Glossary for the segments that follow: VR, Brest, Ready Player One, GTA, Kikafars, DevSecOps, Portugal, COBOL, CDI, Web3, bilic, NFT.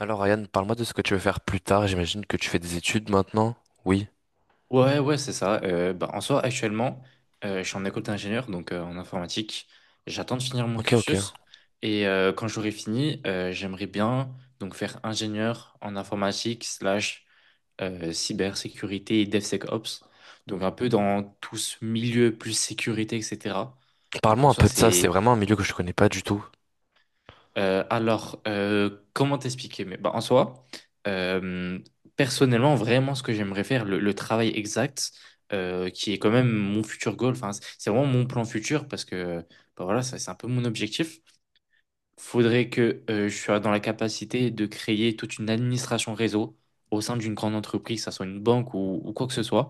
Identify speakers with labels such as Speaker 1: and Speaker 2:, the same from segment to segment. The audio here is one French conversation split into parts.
Speaker 1: Alors Ryan, parle-moi de ce que tu veux faire plus tard. J'imagine que tu fais des études maintenant. Oui.
Speaker 2: Ouais, ouais, c'est ça. Bah, en soi, actuellement, je suis en école d'ingénieur, donc en informatique. J'attends de finir mon
Speaker 1: Ok, ok.
Speaker 2: cursus. Et quand j'aurai fini, j'aimerais bien donc faire ingénieur en informatique slash cybersécurité et DevSecOps. Donc un peu dans tout ce milieu plus sécurité, etc. Donc en
Speaker 1: Parle-moi un
Speaker 2: soi,
Speaker 1: peu de ça. C'est
Speaker 2: c'est
Speaker 1: vraiment un milieu que je connais pas du tout.
Speaker 2: alors, comment t'expliquer? Mais bah, en soi, euh, personnellement, vraiment, ce que j'aimerais faire, le travail exact, qui est quand même mon futur goal. Enfin, c'est vraiment mon plan futur parce que, bah, voilà, ça, c'est un peu mon objectif. Faudrait que je sois dans la capacité de créer toute une administration réseau au sein d'une grande entreprise, que ça soit une banque ou quoi que ce soit,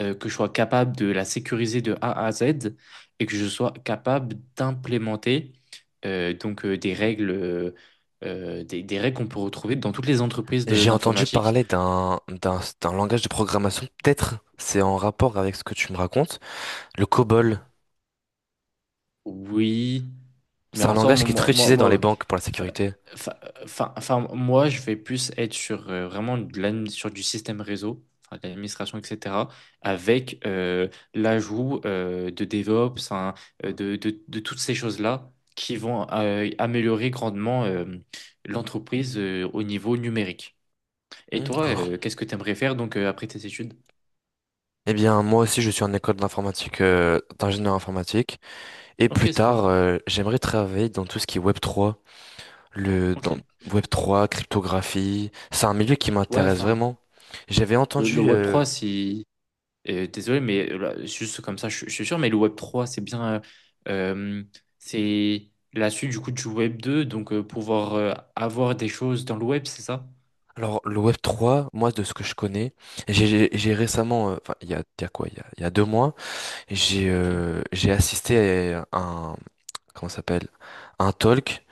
Speaker 2: que je sois capable de la sécuriser de A à Z et que je sois capable d'implémenter donc des règles, des règles qu'on peut retrouver dans toutes les entreprises
Speaker 1: J'ai entendu
Speaker 2: d'informatique.
Speaker 1: parler d'un langage de programmation. Peut-être c'est en rapport avec ce que tu me racontes. Le COBOL.
Speaker 2: Oui, mais
Speaker 1: C'est un langage
Speaker 2: ensemble
Speaker 1: qui est
Speaker 2: moi,
Speaker 1: très
Speaker 2: moi,
Speaker 1: utilisé dans
Speaker 2: moi,
Speaker 1: les
Speaker 2: ouais.
Speaker 1: banques pour la
Speaker 2: Enfin,
Speaker 1: sécurité.
Speaker 2: enfin, enfin, moi, je vais plus être sur vraiment sur du système réseau, enfin, de l'administration, etc., avec l'ajout de DevOps, hein, de toutes ces choses-là qui vont améliorer grandement l'entreprise au niveau numérique. Et
Speaker 1: Hmm,
Speaker 2: toi,
Speaker 1: d'accord.
Speaker 2: qu'est-ce que tu aimerais faire donc après tes études?
Speaker 1: Eh bien, moi aussi, je suis en école d'informatique, d'ingénieur informatique. Et
Speaker 2: Ok,
Speaker 1: plus
Speaker 2: c'est cool.
Speaker 1: tard, j'aimerais travailler dans tout ce qui est Web3. Le
Speaker 2: Ok.
Speaker 1: dans Web3 cryptographie, c'est un milieu qui
Speaker 2: Ouais,
Speaker 1: m'intéresse
Speaker 2: enfin,
Speaker 1: vraiment. J'avais
Speaker 2: le
Speaker 1: entendu
Speaker 2: Web3. Désolé, mais là, juste comme ça, je suis sûr, mais le Web3, c'est bien. Euh, c'est la suite du coup du Web2, donc pouvoir avoir des choses dans le Web, c'est ça?
Speaker 1: alors le Web3, moi de ce que je connais, j'ai récemment enfin il y a quoi il y a deux mois,
Speaker 2: Ok,
Speaker 1: j'ai assisté à un, comment ça s'appelle, un talk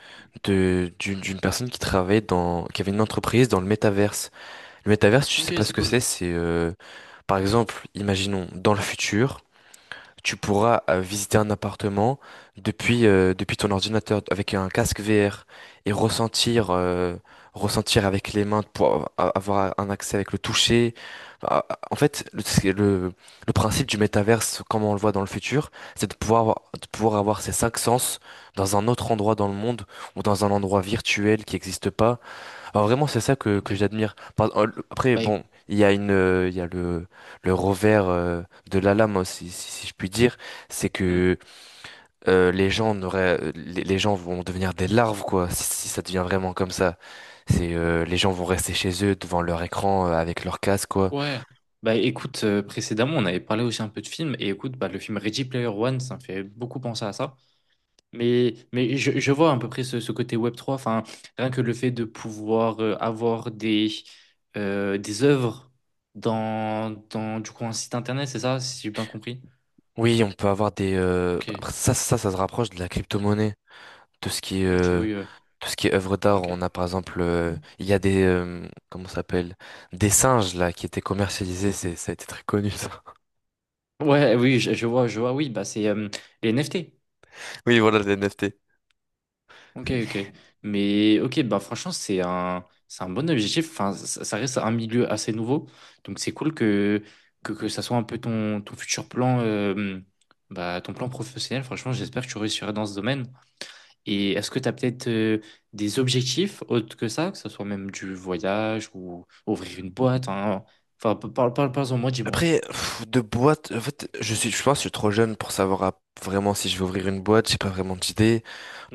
Speaker 1: de d'une
Speaker 2: ok.
Speaker 1: d'une personne qui travaillait dans, qui avait une entreprise dans le métaverse. Le métaverse, je sais
Speaker 2: Ok,
Speaker 1: pas ce
Speaker 2: c'est
Speaker 1: que
Speaker 2: cool.
Speaker 1: c'est par exemple, imaginons dans le futur tu pourras visiter un appartement depuis, depuis ton ordinateur avec un casque VR et ressentir, ressentir avec les mains pour avoir un accès avec le toucher. Ah, en fait, c'est le principe du métaverse, comme on le voit dans le futur, c'est de pouvoir avoir ces cinq sens dans un autre endroit dans le monde ou dans un endroit virtuel qui n'existe pas. Alors vraiment, c'est ça
Speaker 2: Ok.
Speaker 1: que j'admire. Après,
Speaker 2: Bah,
Speaker 1: bon, il y a il y a le revers de la lame, hein, si je puis dire, c'est
Speaker 2: hmm.
Speaker 1: que les les gens vont devenir des larves, quoi, si ça devient vraiment comme ça. C'est les gens vont rester chez eux devant leur écran avec leur casque, quoi.
Speaker 2: Ouais. Bah, écoute, précédemment, on avait parlé aussi un peu de films, et écoute, bah, le film Ready Player One, ça me fait beaucoup penser à ça. Mais je vois à peu près ce côté web trois enfin, rien que le fait de pouvoir avoir des œuvres dans du coup, un site internet, c'est ça, si j'ai bien compris?
Speaker 1: Oui, on peut avoir
Speaker 2: Ok,
Speaker 1: après, ça se rapproche de la crypto-monnaie. tout ce qui est
Speaker 2: ok,
Speaker 1: euh,
Speaker 2: oui, ouais,
Speaker 1: tout ce qui est œuvre d'art,
Speaker 2: ok.
Speaker 1: on a par exemple il y a des comment ça s'appelle, des singes là qui étaient commercialisés, c'est, ça a été très connu, ça.
Speaker 2: Ouais, oui, je vois, oui, bah, c'est les NFT.
Speaker 1: Oui, voilà les NFT.
Speaker 2: Ok, ok. Mais ok, bah franchement, c'est un bon objectif. Enfin, ça reste un milieu assez nouveau. Donc c'est cool que ça soit un peu ton futur plan, ton plan professionnel. Franchement, j'espère que tu réussiras dans ce domaine. Et est-ce que tu as peut-être des objectifs autres que ça, que ce soit même du voyage ou ouvrir une boîte, hein. Enfin, parle, parle, parle, en moi, dis-moi.
Speaker 1: Après pff, de boîte, en fait, je pense que je suis trop jeune pour savoir vraiment si je vais ouvrir une boîte, j'ai pas vraiment d'idée.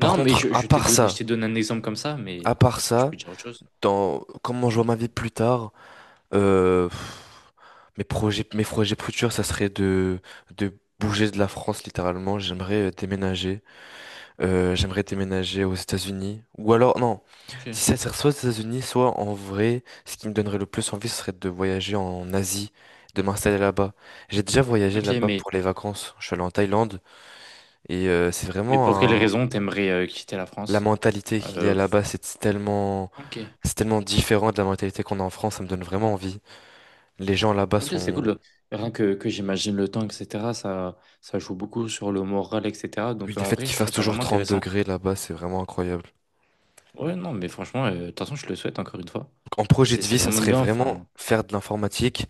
Speaker 1: Par
Speaker 2: mais
Speaker 1: contre,
Speaker 2: je,
Speaker 1: à
Speaker 2: je t'ai
Speaker 1: part
Speaker 2: donné, je
Speaker 1: ça,
Speaker 2: t'ai donné un exemple comme ça,
Speaker 1: à
Speaker 2: mais
Speaker 1: part
Speaker 2: tu
Speaker 1: ça,
Speaker 2: peux dire autre chose.
Speaker 1: dans, comment je vois ma vie plus tard, euh, pff, mes projets futurs, ça serait de bouger de la France littéralement, j'aimerais déménager. J'aimerais déménager aux États-Unis. Ou alors, non,
Speaker 2: Ok.
Speaker 1: si, ça serait soit aux États-Unis, soit en vrai, ce qui me donnerait le plus envie, ce serait de voyager en Asie, de m'installer là-bas. J'ai déjà voyagé
Speaker 2: Ok,
Speaker 1: là-bas
Speaker 2: mais
Speaker 1: pour les vacances. Je suis allé en Thaïlande et c'est
Speaker 2: Mais pour quelles
Speaker 1: vraiment
Speaker 2: raisons t'aimerais quitter la
Speaker 1: la
Speaker 2: France?
Speaker 1: mentalité qu'il y a
Speaker 2: Euh,
Speaker 1: là-bas,
Speaker 2: ok.
Speaker 1: c'est tellement différent de la mentalité qu'on a en France. Ça me donne vraiment envie. Les gens là-bas
Speaker 2: Ok, c'est cool.
Speaker 1: sont,
Speaker 2: Rien que j'imagine le temps, etc., ça joue beaucoup sur le moral, etc.
Speaker 1: oui,
Speaker 2: Donc
Speaker 1: le
Speaker 2: en
Speaker 1: fait
Speaker 2: vrai,
Speaker 1: qu'il
Speaker 2: je
Speaker 1: fasse
Speaker 2: trouve ça
Speaker 1: toujours
Speaker 2: vraiment
Speaker 1: 30
Speaker 2: intéressant.
Speaker 1: degrés là-bas, c'est vraiment incroyable.
Speaker 2: Ouais, non, mais franchement, de toute façon, je le souhaite encore une fois.
Speaker 1: En projet
Speaker 2: C'est
Speaker 1: de
Speaker 2: c'est
Speaker 1: vie, ça
Speaker 2: vraiment
Speaker 1: serait
Speaker 2: bien,
Speaker 1: vraiment
Speaker 2: enfin.
Speaker 1: faire de l'informatique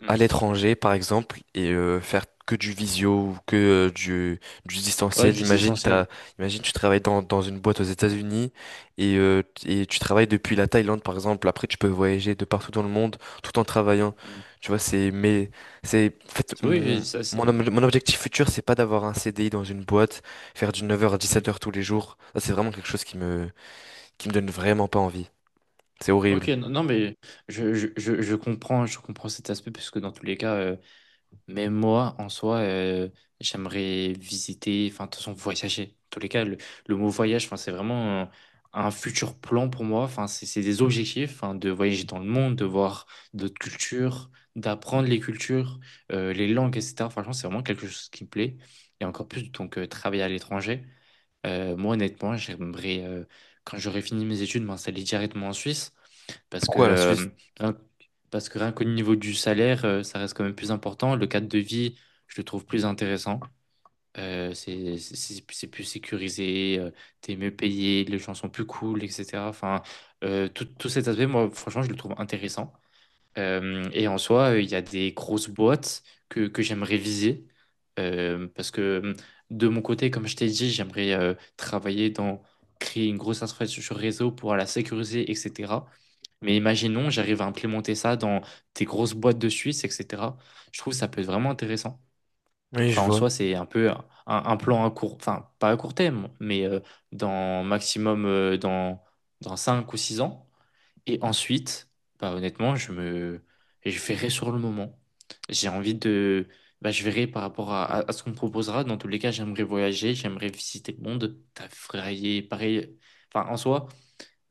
Speaker 2: Hmm.
Speaker 1: à l'étranger, par exemple, et faire que du visio ou euh, du, du
Speaker 2: Ouais,
Speaker 1: distanciel.
Speaker 2: du essentiel. Hmm,
Speaker 1: Imagine, tu travailles dans une boîte aux États-Unis et tu travailles depuis la Thaïlande, par exemple. Après, tu peux voyager de partout dans le monde tout en travaillant.
Speaker 2: hmm.
Speaker 1: Tu vois, en fait,
Speaker 2: Oui, ça, ça-
Speaker 1: mon objectif futur, c'est pas d'avoir un CDI dans une boîte, faire du 9h à 17h
Speaker 2: Hmm.
Speaker 1: tous les jours. Ça, c'est vraiment quelque chose qui qui me donne vraiment pas envie. C'est
Speaker 2: Ok,
Speaker 1: horrible.
Speaker 2: non, non, mais je comprends cet aspect, puisque dans tous les cas. Mais moi, en soi, j'aimerais visiter, enfin, de toute façon, voyager. En tous les cas, le mot voyage, enfin, c'est vraiment un futur plan pour moi. Enfin, c'est des objectifs, enfin, de voyager dans le monde, de voir d'autres cultures, d'apprendre les cultures, les langues, etc. Franchement, c'est vraiment quelque chose qui me plaît. Et encore plus, donc, travailler à l'étranger. Moi, honnêtement, j'aimerais, quand j'aurai fini mes études, m'installer directement en Suisse. Parce que,
Speaker 1: Pourquoi la
Speaker 2: euh,
Speaker 1: Suisse?
Speaker 2: rien, parce que rien qu'au niveau du salaire, ça reste quand même plus important. Le cadre de vie, je le trouve plus intéressant. C'est plus sécurisé, t'es mieux payé, les gens sont plus cool, etc. Enfin, tout cet aspect, moi, franchement, je le trouve intéressant. Et en soi, il y a des grosses boîtes que j'aimerais viser. Parce que de mon côté, comme je t'ai dit, j'aimerais travailler dans créer une grosse infrastructure réseau pour la sécuriser, etc. Mais imaginons, j'arrive à implémenter ça dans des grosses boîtes de Suisse, etc. Je trouve que ça peut être vraiment intéressant.
Speaker 1: Oui, je
Speaker 2: Enfin, en
Speaker 1: vois.
Speaker 2: soi, c'est un peu un plan à court, enfin, pas à court terme, mais dans maximum dans 5 ou 6 ans. Et ensuite, bah honnêtement, je verrai sur le moment. J'ai envie de, bah je verrai par rapport à ce qu'on me proposera. Dans tous les cas, j'aimerais voyager, j'aimerais visiter le monde, travailler, pareil. Enfin, en soi,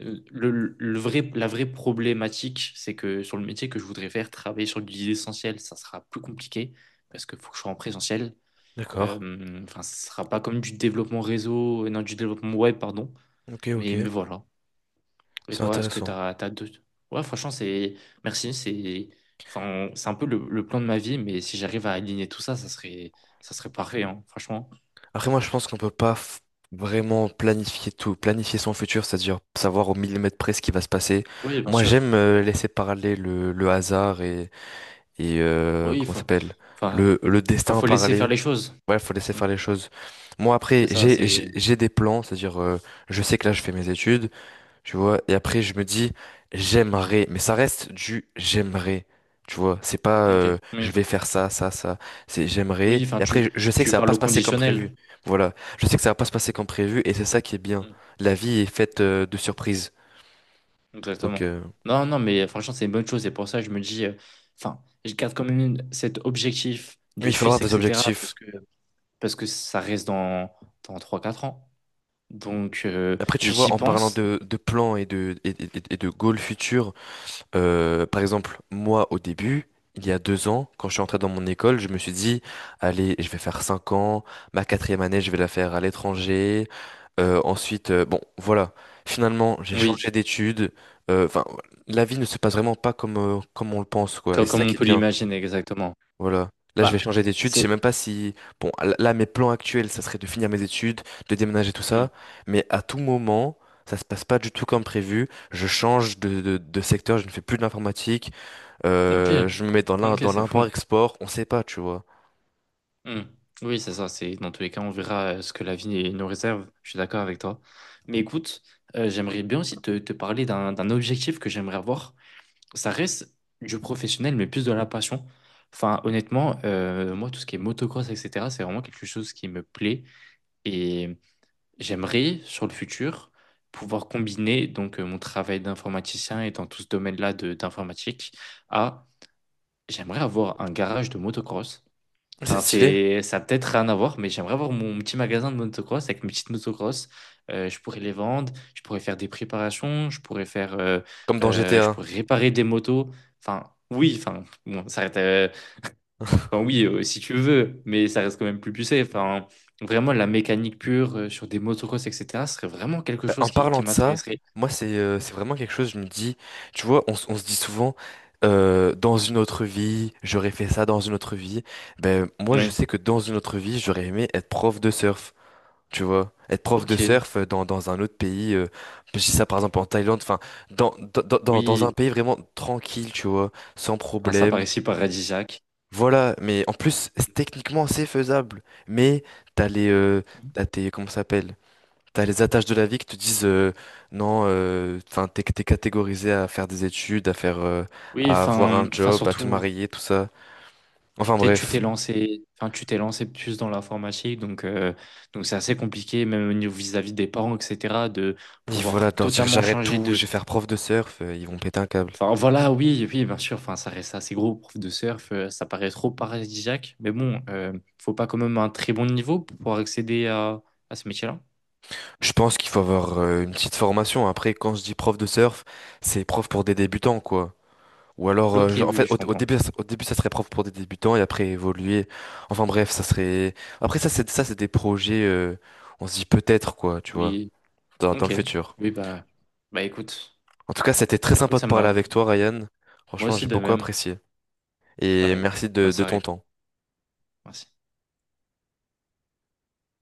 Speaker 2: le vrai, la vraie problématique, c'est que sur le métier que je voudrais faire, travailler sur l'idée essentielle, ça sera plus compliqué parce qu'il faut que je sois en présentiel.
Speaker 1: D'accord.
Speaker 2: Enfin, ce sera pas comme du développement réseau, non, du développement web, pardon.
Speaker 1: Ok, ok.
Speaker 2: Mais voilà. Et
Speaker 1: C'est
Speaker 2: toi, est-ce que
Speaker 1: intéressant.
Speaker 2: t'as deux... Ouais, franchement, c'est... Merci, c'est... Enfin, c'est un peu le plan de ma vie, mais si j'arrive à aligner tout ça, ça serait parfait, hein, franchement.
Speaker 1: Après, moi, je pense qu'on peut pas f- vraiment planifier tout, planifier son futur, c'est-à-dire savoir au millimètre près ce qui va se passer.
Speaker 2: Oui, bien
Speaker 1: Moi, j'aime
Speaker 2: sûr.
Speaker 1: laisser parler le hasard et,
Speaker 2: Oui, il
Speaker 1: comment ça
Speaker 2: faut...
Speaker 1: s'appelle?
Speaker 2: Enfin,
Speaker 1: Le
Speaker 2: enfin,
Speaker 1: destin
Speaker 2: faut laisser faire
Speaker 1: parler.
Speaker 2: les choses.
Speaker 1: Ouais, faut laisser
Speaker 2: Mm.
Speaker 1: faire les choses. Moi, après,
Speaker 2: C'est ça,
Speaker 1: j'ai, j'ai
Speaker 2: c'est...
Speaker 1: j'ai des plans, c'est-à-dire, je sais que là, je fais mes études. Tu vois, et après je me dis j'aimerais, mais ça reste du j'aimerais. Tu vois, c'est pas
Speaker 2: Ok,
Speaker 1: je
Speaker 2: oui.
Speaker 1: vais faire ça, ça, ça. C'est j'aimerais.
Speaker 2: Oui,
Speaker 1: Et
Speaker 2: enfin,
Speaker 1: après
Speaker 2: tu,
Speaker 1: je sais que
Speaker 2: tu
Speaker 1: ça va
Speaker 2: parles
Speaker 1: pas
Speaker 2: au
Speaker 1: se passer comme prévu.
Speaker 2: conditionnel.
Speaker 1: Voilà, je sais que ça va pas se passer comme prévu et c'est ça qui est bien.
Speaker 2: Mm.
Speaker 1: La vie est faite de surprises. Donc
Speaker 2: Exactement. Non, non, mais franchement, c'est une bonne chose. Et pour ça, je me dis... Enfin, je garde quand même cet objectif
Speaker 1: oui,
Speaker 2: de
Speaker 1: il faut avoir
Speaker 2: Suisse,
Speaker 1: des
Speaker 2: etc. Parce
Speaker 1: objectifs.
Speaker 2: que, parce que ça reste dans 3 4 ans. Donc,
Speaker 1: Après tu vois,
Speaker 2: j'y
Speaker 1: en parlant
Speaker 2: pense.
Speaker 1: de plans et et de goals futurs. Par exemple, moi, au début, il y a deux ans, quand je suis entré dans mon école, je me suis dit, allez, je vais faire cinq ans, ma quatrième année, je vais la faire à l'étranger. Ensuite, bon, voilà. Finalement, j'ai changé
Speaker 2: Oui,
Speaker 1: d'études. Enfin, la vie ne se passe vraiment pas comme on le pense, quoi. Et c'est
Speaker 2: comme,
Speaker 1: ça
Speaker 2: on
Speaker 1: qui est
Speaker 2: peut
Speaker 1: bien.
Speaker 2: l'imaginer exactement.
Speaker 1: Voilà. Là, je vais
Speaker 2: Bah,
Speaker 1: changer d'études. Je sais
Speaker 2: c'est.
Speaker 1: même pas si, bon, là, mes plans actuels, ça serait de finir mes études, de déménager, tout
Speaker 2: Hmm.
Speaker 1: ça. Mais à tout moment, ça se passe pas du tout comme prévu. Je change de secteur. Je ne fais plus de l'informatique.
Speaker 2: Ok,
Speaker 1: Je me mets dans
Speaker 2: ok,
Speaker 1: dans
Speaker 2: c'est fou.
Speaker 1: l'import-export, on sait pas, tu vois.
Speaker 2: Hmm. Oui, c'est ça. C'est dans tous les cas, on verra ce que la vie nous réserve. Je suis d'accord avec toi. Mais écoute, j'aimerais bien aussi te parler d'un objectif que j'aimerais avoir. Ça reste du professionnel, mais plus de la passion. Enfin, honnêtement, moi, tout ce qui est motocross, etc., c'est vraiment quelque chose qui me plaît. Et j'aimerais, sur le futur, pouvoir combiner donc mon travail d'informaticien et dans tout ce domaine-là d'informatique à, j'aimerais avoir un garage de motocross.
Speaker 1: C'est
Speaker 2: Enfin,
Speaker 1: stylé,
Speaker 2: ça a peut-être rien à voir, mais j'aimerais avoir mon petit magasin de motocross avec mes petites motocross. Je pourrais les vendre, je pourrais faire des préparations,
Speaker 1: comme dans
Speaker 2: je
Speaker 1: GTA.
Speaker 2: pourrais réparer des motos. Enfin, oui, enfin, bon, ça reste, enfin, oui, si tu veux, mais ça reste quand même plus poussé. Enfin, vraiment, la mécanique pure sur des motocross, etc., ce serait vraiment quelque
Speaker 1: Bah, en
Speaker 2: chose qui,
Speaker 1: parlant
Speaker 2: qui
Speaker 1: de ça,
Speaker 2: m'intéresserait.
Speaker 1: moi c'est vraiment quelque chose, je me dis, tu vois, on se dit souvent, dans une autre vie, j'aurais fait ça dans une autre vie. Ben moi je
Speaker 2: Oui.
Speaker 1: sais que dans une autre vie, j'aurais aimé être prof de surf, tu vois. Être prof de
Speaker 2: Ok,
Speaker 1: surf dans un autre pays, je dis ça par exemple en Thaïlande, enfin, dans un
Speaker 2: oui.
Speaker 1: pays vraiment tranquille, tu vois, sans
Speaker 2: Enfin, ça
Speaker 1: problème.
Speaker 2: paraissait paradisiaque.
Speaker 1: Voilà, mais en plus, techniquement, c'est faisable. Mais t'as les, euh, t'as tes, comment ça s'appelle? T'as les attaches de la vie qui te disent non, enfin, t'es catégorisé à faire des études, à faire,
Speaker 2: Oui,
Speaker 1: à avoir un
Speaker 2: enfin,
Speaker 1: job, à te
Speaker 2: surtout,
Speaker 1: marier, tout ça. Enfin
Speaker 2: peut-être tu t'es
Speaker 1: bref.
Speaker 2: lancé, enfin, tu t'es lancé plus dans l'informatique, donc c'est assez compliqué, même au niveau vis-à-vis des parents, etc., de
Speaker 1: Et voilà,
Speaker 2: pouvoir
Speaker 1: de leur dire
Speaker 2: totalement
Speaker 1: j'arrête
Speaker 2: changer
Speaker 1: tout, je
Speaker 2: de,
Speaker 1: vais faire prof de surf, ils vont péter un câble.
Speaker 2: enfin, voilà, oui, oui, bien sûr. Enfin, ça reste assez gros, prof de surf. Ça paraît trop paradisiaque. Mais bon, faut pas quand même un très bon niveau pour pouvoir accéder à ce métier-là.
Speaker 1: Je pense qu'il faut avoir une petite formation. Après, quand je dis prof de surf, c'est prof pour des débutants, quoi. Ou alors,
Speaker 2: Ok, oui,
Speaker 1: en
Speaker 2: oui,
Speaker 1: fait,
Speaker 2: je
Speaker 1: au
Speaker 2: comprends.
Speaker 1: début, au début, ça serait propre pour des débutants et après évoluer. Enfin bref, ça serait. Après, ça, c'est des projets. Euh, on se dit peut-être quoi, tu vois,
Speaker 2: Oui,
Speaker 1: dans le
Speaker 2: ok.
Speaker 1: futur.
Speaker 2: Oui, bah, bah écoute,
Speaker 1: En tout cas, c'était très
Speaker 2: écoute,
Speaker 1: sympa de
Speaker 2: ça
Speaker 1: parler
Speaker 2: m'a.
Speaker 1: avec toi, Ryan.
Speaker 2: Moi
Speaker 1: Franchement,
Speaker 2: aussi
Speaker 1: j'ai
Speaker 2: de
Speaker 1: beaucoup
Speaker 2: même.
Speaker 1: apprécié. Et
Speaker 2: Pareil.
Speaker 1: merci
Speaker 2: Bonne
Speaker 1: de
Speaker 2: soirée.
Speaker 1: ton temps.
Speaker 2: Merci.